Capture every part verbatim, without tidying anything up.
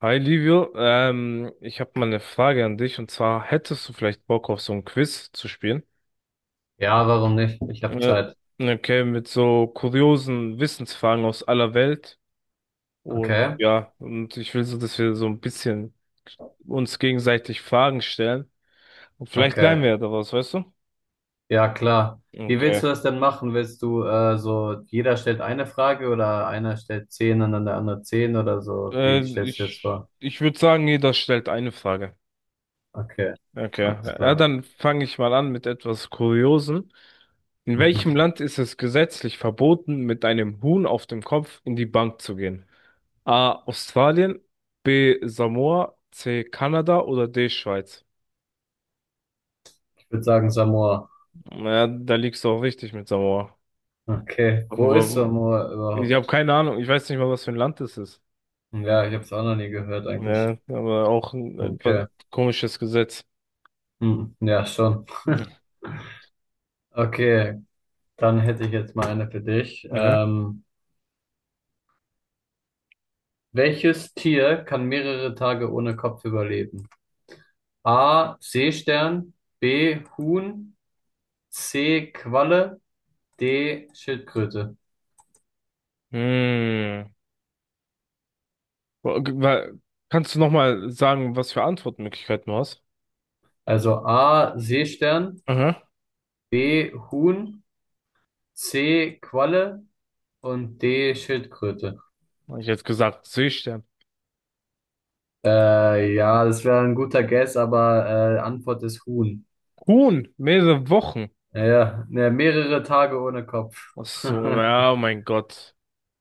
Hi Livio, ähm, ich habe mal eine Frage an dich und zwar hättest du vielleicht Bock auf so ein Quiz zu spielen? Ja, warum nicht? Ich habe Äh, Zeit. okay, mit so kuriosen Wissensfragen aus aller Welt und Okay, ja, und ich will so, dass wir so ein bisschen uns gegenseitig Fragen stellen und vielleicht okay. lernen wir ja daraus, weißt du? Ja, klar. Wie willst Okay, du das denn machen? Willst du äh, so, jeder stellt eine Frage oder einer stellt zehn und dann der andere zehn oder so? äh, Wie stellst du das ich vor? ich würde sagen, jeder stellt eine Frage. Okay, Okay. alles Ja, klar. dann fange ich mal an mit etwas Kuriosem. In welchem Mhm. Land ist es gesetzlich verboten, mit einem Huhn auf dem Kopf in die Bank zu gehen? A. Australien, B. Samoa, C. Kanada oder D. Schweiz? Ich würde sagen Samoa. Ja, da liegst du auch richtig mit Samoa. Okay, wo ist Wo, Samoa ich habe überhaupt? keine Ahnung, ich weiß nicht mal, was für ein Land das ist. Ja, ich habe es auch noch nie gehört eigentlich. Ja, aber auch ein etwas Okay, komisches Gesetz. hm. Ja, schon. Mhm. Okay, dann hätte ich jetzt mal eine für dich. Aha. Ähm, welches Tier kann mehrere Tage ohne Kopf überleben? A. Seestern, B. Huhn, C. Qualle, D. Schildkröte. Hm. Wa- wa- Kannst du nochmal sagen, was für Antwortmöglichkeiten du hast? Also A. Seestern, Aha. B. Huhn, C. Qualle und D. Schildkröte. Hab ich jetzt gesagt, Seestern. Äh, ja, das wäre ein guter Guess, aber äh, Antwort ist Huhn. Huhn, mehrere Wochen. Ja, ja, ne, mehrere Tage ohne Kopf. Ach so, ja, oh mein Gott.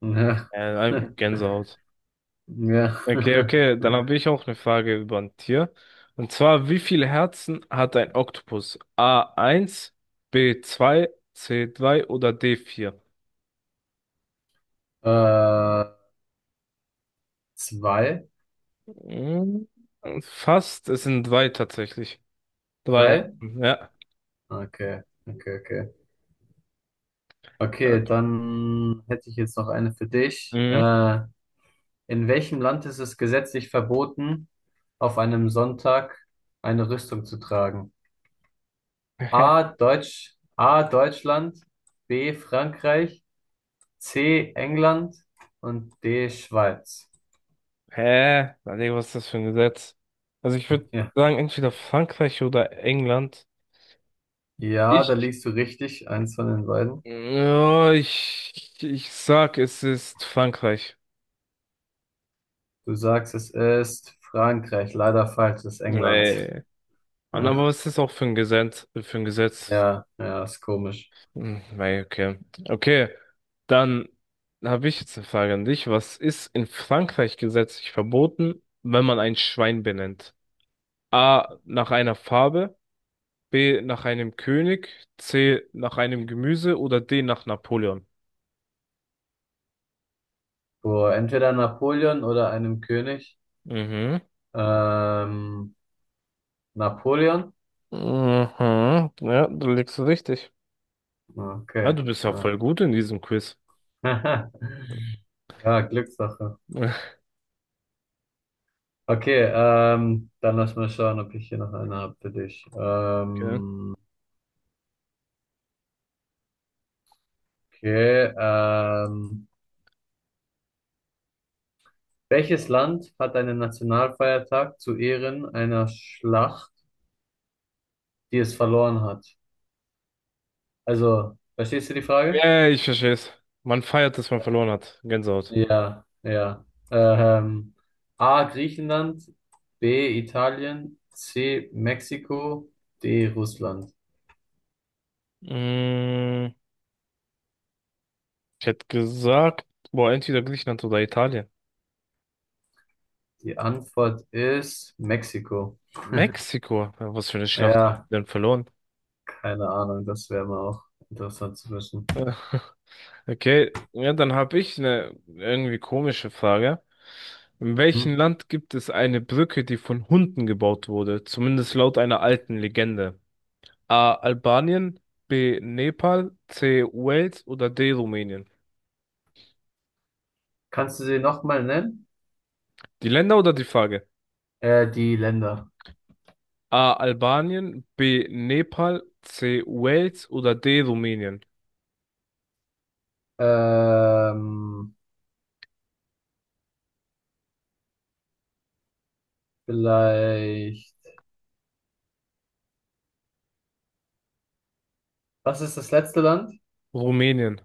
Ja. Äh, Gänsehaut. Ja. Okay, okay, dann habe ich auch eine Frage über ein Tier. Und zwar, wie viele Herzen hat ein Oktopus? A Eins. B Zwei. C drei oder d Vier. Äh, zwei, Hm, fast, es sind drei tatsächlich. Drei drei? Herzen, ja. Okay, okay, okay. Okay, dann hätte ich jetzt noch eine für dich. Mhm. Äh, in welchem Land ist es gesetzlich verboten, auf einem Sonntag eine Rüstung zu tragen? Hä? A. Deutsch, A. Deutschland, B. Frankreich, C. England und D. Schweiz. Hä? Überleg, was ist das für ein Gesetz? Also ich würde Ja. sagen, entweder Frankreich oder England. Ja, da Ich, liegst du richtig, eins von den beiden. ja, ich, ich sag, es ist Frankreich. Du sagst, es ist Frankreich, leider falsch, es ist England. Ey. Aber Ja, was ist auch für ein Gesetz, für ein Gesetz? ja, ja, ist komisch. Hm, weil, okay. Okay, dann habe ich jetzt eine Frage an dich. Was ist in Frankreich gesetzlich verboten, wenn man ein Schwein benennt? A, nach einer Farbe, B, nach einem König, C, nach einem Gemüse oder D, nach Napoleon? Vor entweder Napoleon oder einem König. Mhm. Ähm, Napoleon? Mhm. Ja, du liegst richtig. Ah, Okay. du bist ja Ja. voll gut in diesem Quiz. Ja, Glückssache. Okay, ähm, dann lass mal schauen, ob ich hier noch eine habe für dich. Okay. Ähm, okay, ähm, welches Land hat einen Nationalfeiertag zu Ehren einer Schlacht, die es verloren hat? Also, verstehst du die Frage? Ja, ich verstehe es. Man feiert, dass man verloren hat. Gänsehaut. Ja, ja. Ähm, A. Griechenland, B. Italien, C. Mexiko, D. Russland. Mm, ich hätte gesagt, boah, entweder Griechenland oder Italien. Die Antwort ist Mexiko. Mexiko. Ja, was für eine Schlacht haben Ja, wir denn verloren? keine Ahnung, das wäre mal auch interessant zu wissen. Okay, ja, dann habe ich eine irgendwie komische Frage. In welchem Mhm. Land gibt es eine Brücke, die von Hunden gebaut wurde? Zumindest laut einer alten Legende. A. Albanien, B. Nepal, C. Wales oder D. Rumänien? Kannst du sie nochmal nennen? Die Länder oder die Frage? Äh, die Länder. A. Albanien, B. Nepal, C. Wales oder D. Rumänien? Ähm, vielleicht. Was ist das letzte Land? Rumänien.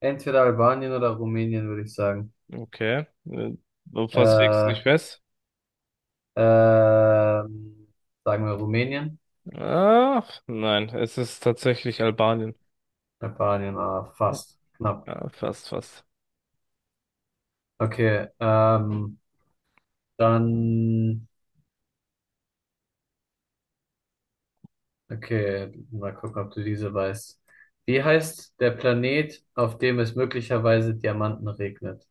Entweder Albanien oder Rumänien, würde ich sagen. Okay. Äh, Du fast legst nicht Äh, fest. ähm, sagen wir Rumänien? Ach, nein, es ist tatsächlich Albanien. Albanien, ah, fast. Knapp. Ja, fast, fast. Okay, ähm, dann. Okay, mal gucken, ob du diese weißt. Wie heißt der Planet, auf dem es möglicherweise Diamanten regnet?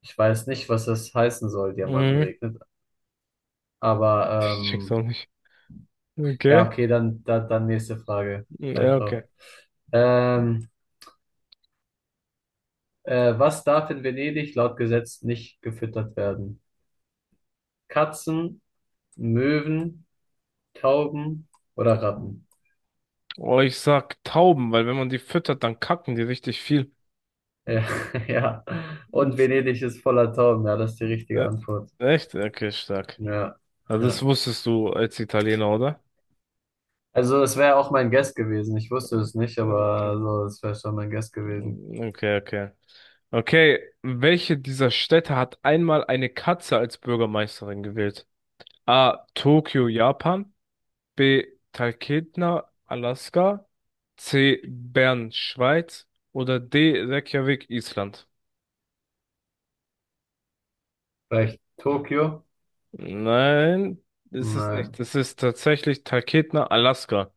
Ich weiß nicht, was das heißen soll, Diamanten Mhm. regnet. Aber Ich check's ähm, auch nicht. ja, Okay. okay, dann, dann, dann nächste Frage. Ja, Scheiß drauf. okay. Ähm, äh, was darf in Venedig laut Gesetz nicht gefüttert werden? Katzen, Möwen, Tauben oder Ratten? Oh, ich sag Tauben, weil wenn man die füttert, dann kacken die richtig viel. Ja, ja. Und Jetzt, Venedig ist voller Tauben. Ja, das ist die richtige äh, Antwort. echt? Okay, stark. Ja, Also ja. das wusstest du als Italiener, oder? Also es wäre auch mein Guess gewesen. Ich wusste Äh, es nicht, Okay. aber so, es wäre schon mein Guess gewesen. Okay, okay. Okay, welche dieser Städte hat einmal eine Katze als Bürgermeisterin gewählt? A. Tokio, Japan. B. Talkeetna, Alaska. C. Bern, Schweiz. Oder D. Reykjavik, Island. Vielleicht Tokio? Nein, ist es nicht. Nein. Es ist tatsächlich Talkeetna, Alaska.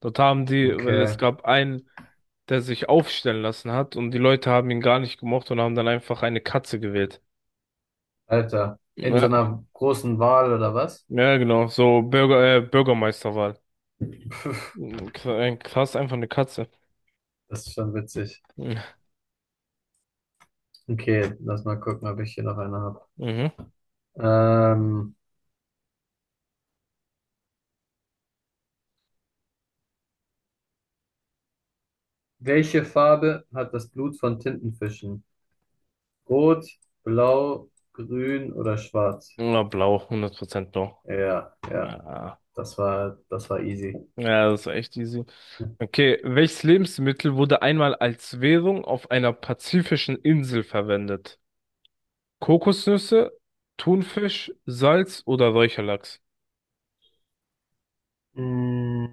Dort haben die, weil es Okay. gab einen, der sich aufstellen lassen hat und die Leute haben ihn gar nicht gemocht und haben dann einfach eine Katze gewählt. Alter. In so Ja, einer großen Wahl oder was? ja genau, so Bürger, äh, Bürgermeisterwahl. K- Krass, einfach eine Katze. Das ist schon witzig. Mhm. Okay, lass mal gucken, ob ich hier noch eine habe. Mhm. Ähm, welche Farbe hat das Blut von Tintenfischen? Rot, blau, grün oder schwarz? Ja, blau, hundert Prozent blau. Ja, ja, Ja. das war, das war easy. Ja, das ist echt easy. Okay, welches Lebensmittel wurde einmal als Währung auf einer pazifischen Insel verwendet? Kokosnüsse, Thunfisch, Salz oder Räucherlachs? Mm,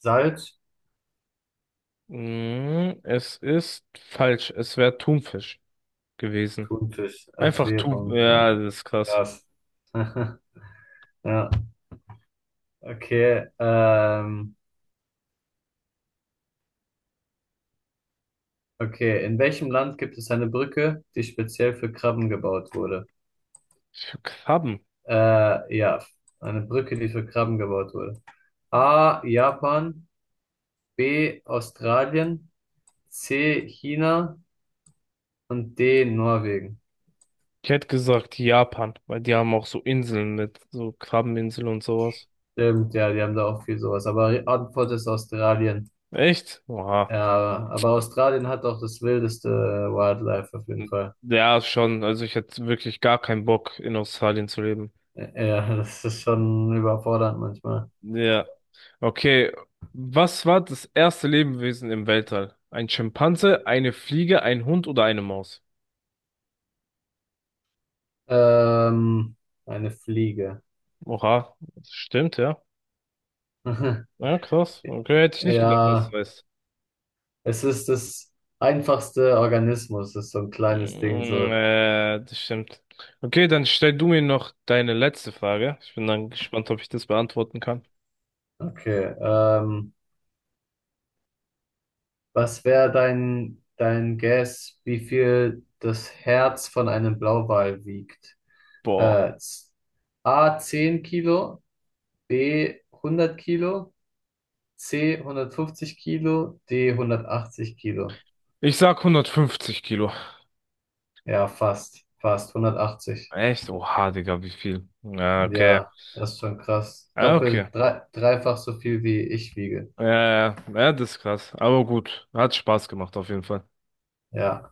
Salz, Mhm, es ist falsch. Es wäre Thunfisch gewesen. Thunfisch als Einfach Thun. Währung. Ja, Ja, das ist krass. krass. Ja, okay. Ähm, okay. In welchem Land gibt es eine Brücke, die speziell für Krabben gebaut wurde? Für Krabben. Äh, ja, eine Brücke, die für Krabben gebaut wurde. A. Japan, B. Australien, C. China und D. Norwegen. Ich hätte gesagt Japan, weil die haben auch so Inseln mit so Krabbeninseln und sowas. Stimmt, ja, die haben da auch viel sowas. Aber die Antwort ist Australien. Echt? Oha. Ja, aber Australien hat auch das wildeste Wildlife auf jeden Fall. Ja, schon. Also ich hätte wirklich gar keinen Bock, in Australien zu leben. Ja, das ist schon überfordernd manchmal. Ja. Okay. Was war das erste Lebewesen im Weltall? Ein Schimpanse, eine Fliege, ein Hund oder eine Maus? Ähm, eine Fliege. Oha. Das stimmt, ja. Ja, krass. Okay, hätte ich nicht gedacht, dass du Ja, weißt. es ist das einfachste Organismus, ist so ein Mm, kleines Ding, so. Äh, das stimmt. Okay, dann stell du mir noch deine letzte Frage. Ich bin dann gespannt, ob ich das beantworten kann. Okay, ähm, was wäre dein, dein Guess, wie viel das Herz von einem Blauwal wiegt? Boah. Äh, z- A zehn Kilo, B hundert Kilo, C hundertfünfzig Kilo, D hundertachtzig Kilo. Ich sag hundertfünfzig Kilo. Ja, fast, fast hundertachtzig. Echt? Oha, Digga, wie viel? Ja, okay. Ja, das ist schon krass. Ja, okay. Doppelt, drei, dreifach so viel wie ich wiege. Ja, ja, ja, das ist krass. Aber gut. Hat Spaß gemacht, auf jeden Fall. Ja.